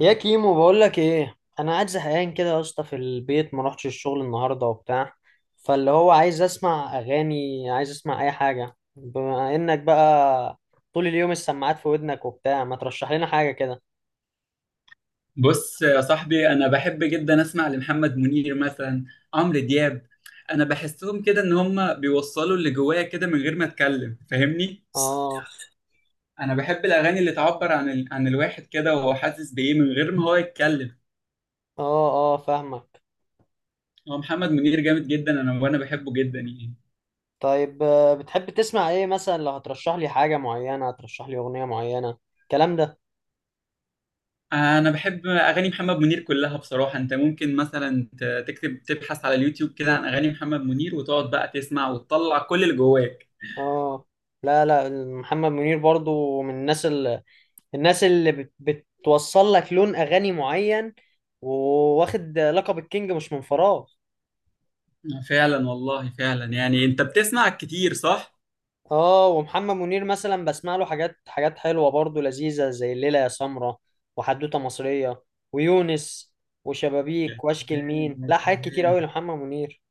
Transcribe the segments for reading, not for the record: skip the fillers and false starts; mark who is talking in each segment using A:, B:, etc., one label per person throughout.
A: يا كيمو، بقول لك ايه، انا قاعد زهقان كده يا اسطى، في البيت ما روحتش الشغل النهارده وبتاع. فاللي هو عايز اسمع اغاني، عايز اسمع اي حاجه. بما انك بقى طول اليوم السماعات في ودنك وبتاع، ما ترشح لنا حاجه كده.
B: بص يا صاحبي، انا بحب جدا اسمع لمحمد منير مثلا، عمرو دياب. انا بحسهم كده ان هم بيوصلوا اللي جوايا كده من غير ما اتكلم، فاهمني؟
A: اه،
B: انا بحب الاغاني اللي تعبر عن الواحد كده وهو حاسس بايه من غير ما هو يتكلم.
A: اه، اه، فاهمك.
B: هو محمد منير جامد جدا، وانا بحبه جدا يعني.
A: طيب، بتحب تسمع ايه مثلا؟ لو هترشح لي حاجه معينه، هترشح لي اغنيه معينه الكلام ده.
B: انا بحب اغاني محمد منير كلها بصراحة. انت ممكن مثلا تكتب تبحث على اليوتيوب كده عن اغاني محمد منير وتقعد بقى تسمع وتطلع كل اللي جواك.
A: اه، لا، لا، محمد منير برضو من الناس، الناس اللي بتوصل لك لون اغاني معين. وواخد لقب الكينج مش من فراغ.
B: فعلا والله فعلا، يعني انت بتسمع كتير، صح؟
A: اه، ومحمد منير مثلا بسمع له حاجات، حاجات حلوه برضو لذيذه، زي الليله يا سمره، وحدوته مصريه، ويونس، وشبابيك، واشكي لمين.
B: يعني-
A: لا، حاجات كتير قوي لمحمد منير.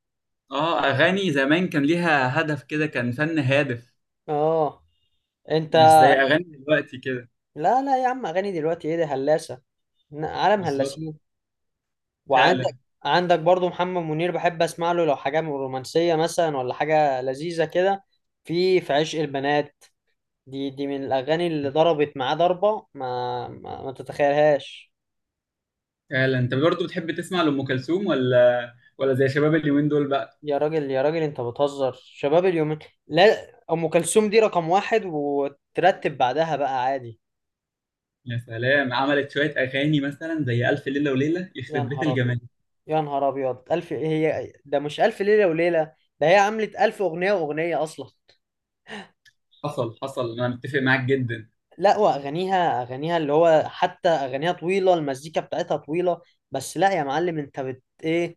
B: اه، اغاني زمان كان ليها هدف كده، كان فن هادف.
A: اه، انت.
B: مش زي اغاني دلوقتي كده.
A: لا، لا يا عم، اغاني دلوقتي ايه ده، هلاسه. عالم
B: بالظبط.
A: هلاسين. وعندك
B: فعلا.
A: عندك برضو محمد منير، بحب اسمع له لو حاجه من رومانسيه مثلا، ولا حاجه لذيذه كده. في عشق البنات، دي من الاغاني اللي ضربت معاه ضربه ما تتخيلهاش.
B: فعلا، انت برضو بتحب تسمع لأم كلثوم ولا زي شباب اليومين دول بقى؟
A: يا راجل، يا راجل، انت بتهزر، شباب اليومين؟ لا، ام كلثوم دي رقم واحد، وترتب بعدها بقى عادي.
B: يا سلام، عملت شوية اغاني مثلا زي ألف ليلة وليلة،
A: يا
B: يخرب بيت
A: نهار ابيض،
B: الجمال.
A: يا نهار ابيض! الف، هي ده مش الف ليله وليله؟ ده هي عملت الف اغنيه واغنيه اصلا.
B: حصل، حصل، انا متفق معاك جدا.
A: لا، واغانيها، اللي هو حتى اغانيها طويله، المزيكا بتاعتها طويله. بس لا يا معلم، انت بت ايه؟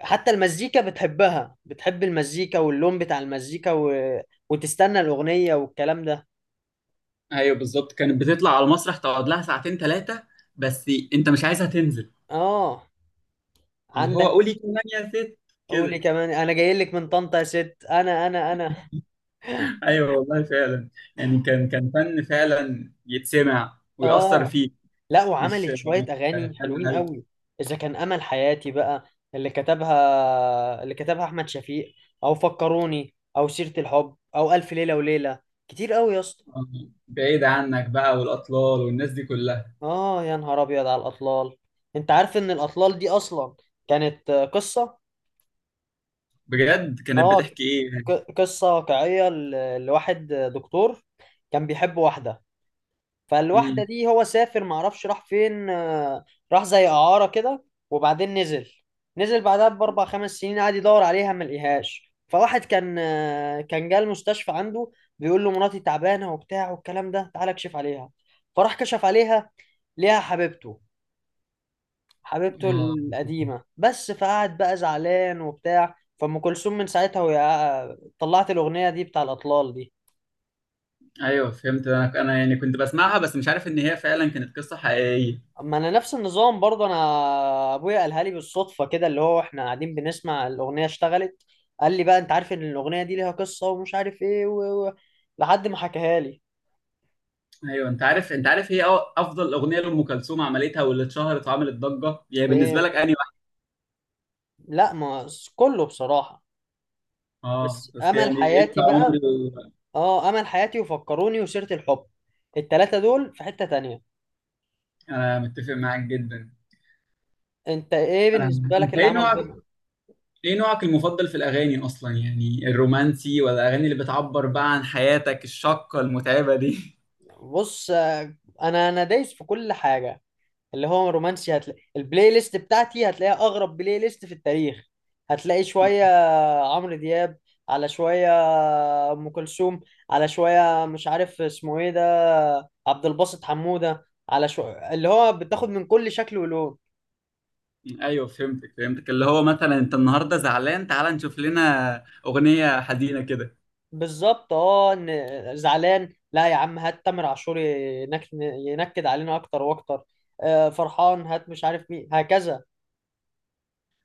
A: حتى المزيكا بتحبها، بتحب المزيكا واللون بتاع المزيكا و... وتستنى الاغنيه والكلام ده.
B: ايوه بالظبط، كانت بتطلع على المسرح تقعد لها ساعتين 3، بس انت مش عايزها تنزل.
A: اه،
B: اللي هو
A: عندك،
B: قولي كمان يا ست
A: قولي
B: كده.
A: كمان انا جاي لك من طنطا يا ست، انا.
B: ايوه والله فعلا، يعني كان فن فعلا يتسمع ويأثر
A: اه،
B: فيك.
A: لا
B: مش
A: وعملت شوية
B: مش
A: أغاني
B: فن.
A: حلوين
B: هل
A: قوي. إذا كان، أمل حياتي بقى، اللي كتبها أحمد شفيق، أو فكروني، أو سيرة الحب، أو ألف ليلة وليلة، كتير قوي يا اسطى.
B: بعيد عنك بقى، والأطلال والناس دي كلها؟
A: آه، يا نهار أبيض على الأطلال! أنت عارف إن الأطلال دي أصلا كانت قصة.
B: بجد كانت
A: آه،
B: بتحكي ايه يعني؟
A: قصة واقعية، لواحد دكتور، كان بيحب واحدة. فالواحدة
B: امم
A: دي هو سافر، معرفش راح فين، راح زي إعارة كده. وبعدين نزل، نزل بعدها بأربع خمس سنين، قعد يدور عليها ما لقيهاش. فواحد كان جه المستشفى عنده، بيقول له مراتي تعبانة وبتاع والكلام ده، تعالى اكشف عليها. فراح كشف عليها، ليها حبيبته
B: آه.
A: القديمة بس. فقعد بقى زعلان وبتاع. فأم كلثوم من ساعتها، وهي طلعت الأغنية دي، بتاع الأطلال دي.
B: ايوه فهمت، انا يعني كنت بسمعها بس مش عارف ان هي فعلا كانت قصة حقيقية.
A: ما انا نفس النظام برضه انا. ابويا قالها لي بالصدفه كده، اللي هو احنا قاعدين بنسمع الاغنيه، اشتغلت. قال لي بقى، انت عارف ان الاغنيه دي ليها قصه، ومش عارف ايه لحد ما حكاها لي.
B: ايوه، انت عارف هي افضل اغنية لأم كلثوم عملتها واللي اتشهرت وعملت ضجة، يعني بالنسبة
A: ايه،
B: لك انهي واحدة؟
A: لا، ما كله بصراحه.
B: اه
A: بس
B: بس
A: امل
B: يعني، انت
A: حياتي بقى.
B: عمري.
A: اه، امل حياتي وفكروني وسيره الحب، التلاته دول في حته تانية.
B: انا متفق معاك جدا.
A: انت ايه
B: انا
A: بالنسبه لك
B: انت
A: اللي
B: ايه
A: عمل
B: نوعك
A: ضجه؟
B: ايه نوعك المفضل في الاغاني، اصلا يعني الرومانسي، ولا الاغاني اللي بتعبر بقى عن حياتك الشاقه المتعبه دي؟
A: بص، انا دايس في كل حاجه. اللي هو رومانسي، هتلاقي البلاي ليست بتاعتي، هتلاقيها اغرب بلاي ليست في التاريخ. هتلاقي شويه عمرو دياب، على شويه ام كلثوم، على شويه مش عارف اسمه ايه ده، عبد الباسط حموده، على شويه، اللي هو بتاخد من كل شكل ولون.
B: ايوه فهمتك، فهمتك. اللي هو مثلا انت النهارده زعلان، تعال نشوف لنا اغنيه حزينه كده.
A: بالظبط، اه، إن زعلان، لا يا عم، هات تامر عاشور ينكد علينا اكتر واكتر. فرحان، هات مش عارف مين هكذا.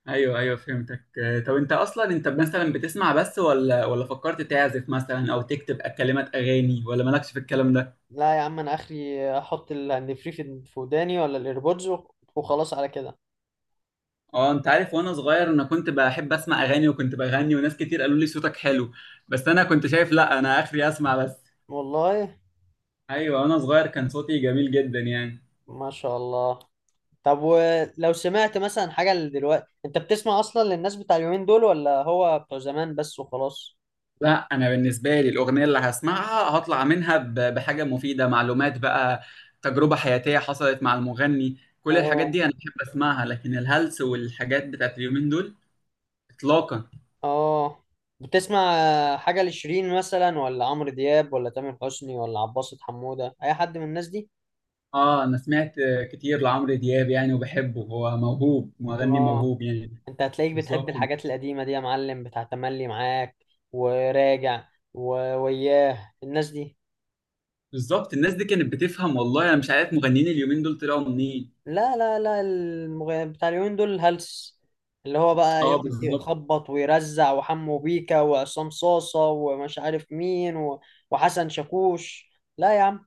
B: ايوه، ايوه، فهمتك. طب انت اصلا مثلا بتسمع بس، ولا فكرت تعزف مثلا او تكتب كلمات اغاني، ولا مالكش في الكلام ده؟
A: لا يا عم، انا اخري احط الهاند فري في وداني ولا الايربودز، وخلاص على كده.
B: اه، انت عارف، وانا صغير انا كنت بحب اسمع اغاني، وكنت بغني وناس كتير قالوا لي صوتك حلو. بس انا كنت شايف لا، انا اخري اسمع بس.
A: والله.
B: ايوه وانا صغير كان صوتي جميل جدا يعني.
A: ما شاء الله. طب ولو سمعت مثلا حاجة دلوقتي، انت بتسمع اصلا للناس بتاع اليومين دول، ولا هو بتوع زمان بس وخلاص؟
B: لا، انا بالنسبه لي الاغنيه اللي هسمعها هطلع منها بحاجه مفيده، معلومات بقى، تجربه حياتيه حصلت مع المغني، كل الحاجات
A: اه،
B: دي انا بحب اسمعها. لكن الهلس والحاجات بتاعت اليومين دول، اطلاقا.
A: اه، بتسمع حاجة لشيرين مثلا، ولا عمرو دياب، ولا تامر حسني، ولا عباسة حمودة، اي حد من الناس دي؟
B: اه، انا سمعت كتير لعمرو دياب يعني، وبحبه، هو موهوب، مغني
A: اه،
B: موهوب يعني.
A: انت هتلاقيك بتحب
B: بالظبط،
A: الحاجات القديمة دي يا معلم، بتاع تملي معاك، وراجع، وياه الناس دي.
B: بالظبط. الناس دي كانت بتفهم، والله انا مش عارف مغنيين اليومين دول طلعوا منين.
A: لا، لا، لا، بتاع اليومين دول الهلس، اللي هو بقى
B: اه،
A: يقعد
B: بالظبط،
A: يخبط ويرزع، وحمو بيكا، وعصام صاصة، ومش عارف مين و... وحسن شاكوش. لا يا عم.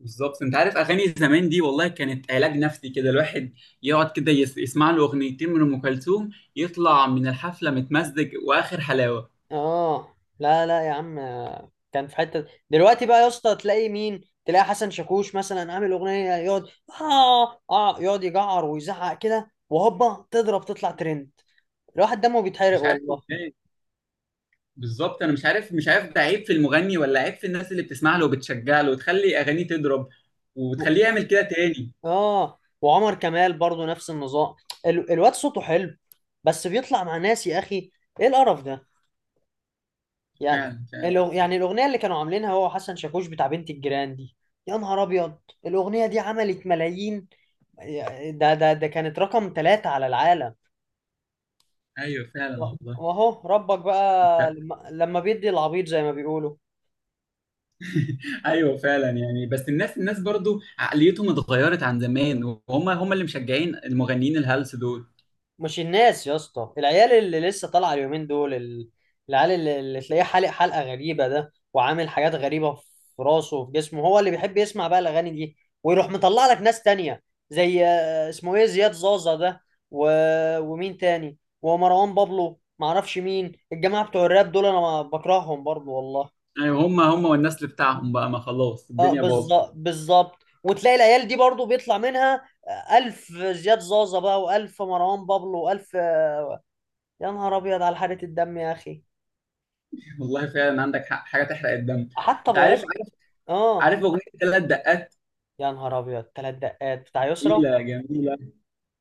B: بالظبط. انت عارف اغاني زمان دي، والله كانت علاج نفسي كده. الواحد يقعد كده يسمع له اغنيتين من ام كلثوم، يطلع من الحفله متمزج واخر حلاوه.
A: اه، لا، لا يا عم، كان في حتة دلوقتي بقى يا اسطى، تلاقي مين، تلاقي حسن شاكوش مثلا عامل اغنية يقعد، اه، اه، يقعد يجعر ويزعق كده، وهوبا تضرب تطلع ترند. الواحد دمه بيتحرق
B: مش عارف
A: والله.
B: ازاي. بالظبط، انا مش عارف ده عيب في المغني ولا عيب في الناس اللي بتسمع له وبتشجع له وتخلي اغانيه تضرب، وتخليه يعمل كده تاني.
A: اه، وعمر كمال برضو نفس النظام. الواد صوته حلو، بس بيطلع مع ناس، يا اخي ايه القرف ده يعني.
B: فعلا، فعلا والله.
A: يعني الاغنيه اللي كانوا عاملينها هو وحسن شاكوش، بتاع بنت الجيران دي. يا نهار ابيض! الاغنيه دي عملت ملايين. ده كانت رقم ثلاثة على العالم.
B: ايوه فعلا
A: و-
B: والله.
A: واهو ربك بقى لما بيدي العبيط زي ما بيقولوا.
B: ايوه فعلا يعني، بس الناس برضو عقليتهم اتغيرت عن زمان، وهم هم اللي مشجعين المغنيين الهلس دول.
A: مش الناس يا اسطى، العيال اللي لسه طالعه اليومين دول، العيال اللي تلاقيه حالق حلقه غريبه ده، وعامل حاجات غريبه في راسه وفي جسمه، هو اللي بيحب يسمع بقى الاغاني دي. ويروح مطلع لك ناس تانية، زي اسمه ايه، زياد زازا ده، و... ومين تاني، ومروان بابلو، معرفش مين الجماعه بتوع الراب دول، انا بكرههم برضو والله.
B: ايوه، هم هم والنسل بتاعهم بقى، ما خلاص
A: اه،
B: الدنيا باظت.
A: بالظبط، بالظبط. وتلاقي العيال دي برضو بيطلع منها، ألف زياد زازا بقى، وألف مروان بابلو، وألف. يا نهار ابيض على حرقة الدم يا اخي!
B: والله فعلا، عندك حق، حاجه تحرق الدم.
A: حتى
B: انت عارف،
A: بوظ.
B: عارف
A: اه،
B: عارف اغنيه ثلاث دقات؟
A: يا نهار ابيض! ثلاث دقات بتاع يسرا،
B: جميله، جميله.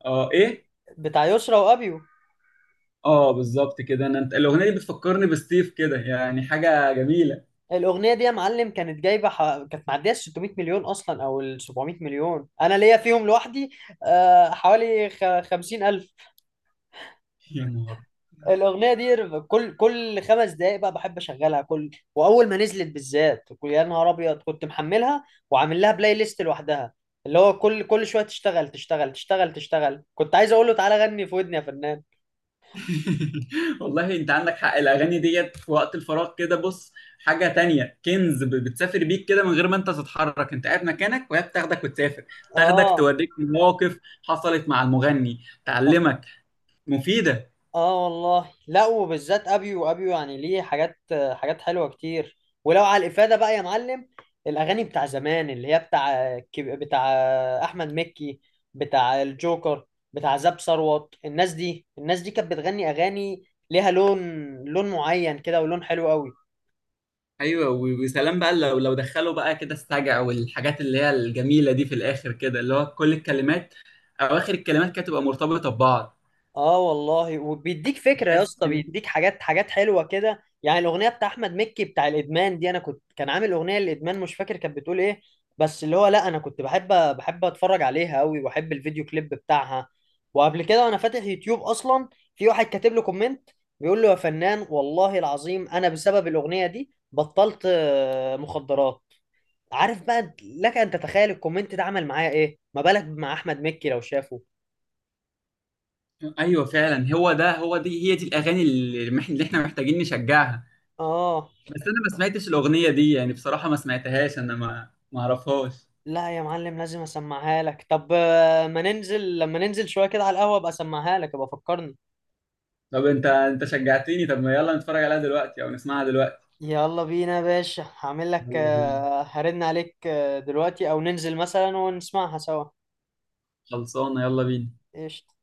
B: اه، ايه؟
A: بتاع يسرا وابيو.
B: اه بالظبط كده. انت الاغنيه دي بتفكرني بستيف كده، يعني حاجه جميله.
A: الاغنيه دي يا معلم، كانت جايبه كانت معديه ال 600 مليون اصلا، او ال 700 مليون. انا ليا فيهم لوحدي حوالي 50 الف.
B: يا نهار.
A: الاغنيه دي، كل خمس دقائق بقى بحب اشغلها كل، واول ما نزلت بالذات يا نهار ابيض، كنت محملها وعامل لها بلاي ليست لوحدها، اللي هو كل شويه تشتغل تشتغل تشتغل تشتغل، كنت عايز اقول له تعالى غني في ودني يا فنان.
B: والله انت عندك حق، الاغاني ديت في وقت الفراغ كده، بص، حاجه تانية كنز، بتسافر بيك كده من غير ما انت تتحرك، انت قاعد مكانك وهي بتاخدك وتسافر، تاخدك
A: اه،
B: توريك مواقف حصلت مع المغني،
A: اه،
B: تعلمك، مفيده.
A: آه والله. لا وبالذات ابيو، يعني ليه حاجات، حاجات حلوه كتير. ولو على الافاده بقى يا معلم، الاغاني بتاع زمان اللي هي بتاع، بتاع احمد مكي، بتاع الجوكر، بتاع زاب ثروت، الناس دي كانت بتغني اغاني، ليها لون معين كده، ولون حلو قوي.
B: ايوه، وسلام بقى لو دخلوا بقى كده السجع والحاجات اللي هي الجميله دي في الاخر كده، اللي هو كل الكلمات، اواخر الكلمات كده تبقى مرتبطه ببعض.
A: اه والله، وبيديك فكره يا
B: بتحس
A: اسطى،
B: ان.
A: بيديك حاجات، حاجات حلوه كده يعني، الاغنيه بتاع احمد مكي بتاع الادمان دي، انا كنت، كان عامل اغنيه للادمان، مش فاكر كانت بتقول ايه. بس اللي هو، لا انا كنت بحب اتفرج عليها قوي، واحب الفيديو كليب بتاعها. وقبل كده وانا فاتح يوتيوب اصلا، في واحد كاتب له كومنت، بيقول له يا فنان والله العظيم، انا بسبب الاغنيه دي بطلت مخدرات. عارف بقى لك ان تتخيل الكومنت ده عمل معايا ايه؟ ما بالك مع احمد مكي لو شافه.
B: ايوه فعلا، هو ده هو دي هي دي الاغاني اللي احنا محتاجين نشجعها.
A: اه،
B: بس انا ما سمعتش الاغنيه دي، يعني بصراحه ما سمعتهاش، انا ما اعرفهاش.
A: لا يا معلم، لازم اسمعها لك. طب ما ننزل لما ننزل شويه كده على القهوه، ابقى اسمعها لك، ابقى فكرني.
B: طب انت شجعتني. طب ما يلا نتفرج عليها دلوقتي او نسمعها دلوقتي.
A: يلا بينا يا باشا، هعمل لك
B: يلا بينا.
A: هرن عليك دلوقتي، او ننزل مثلا ونسمعها سوا.
B: خلصانه، يلا بينا.
A: قشطة.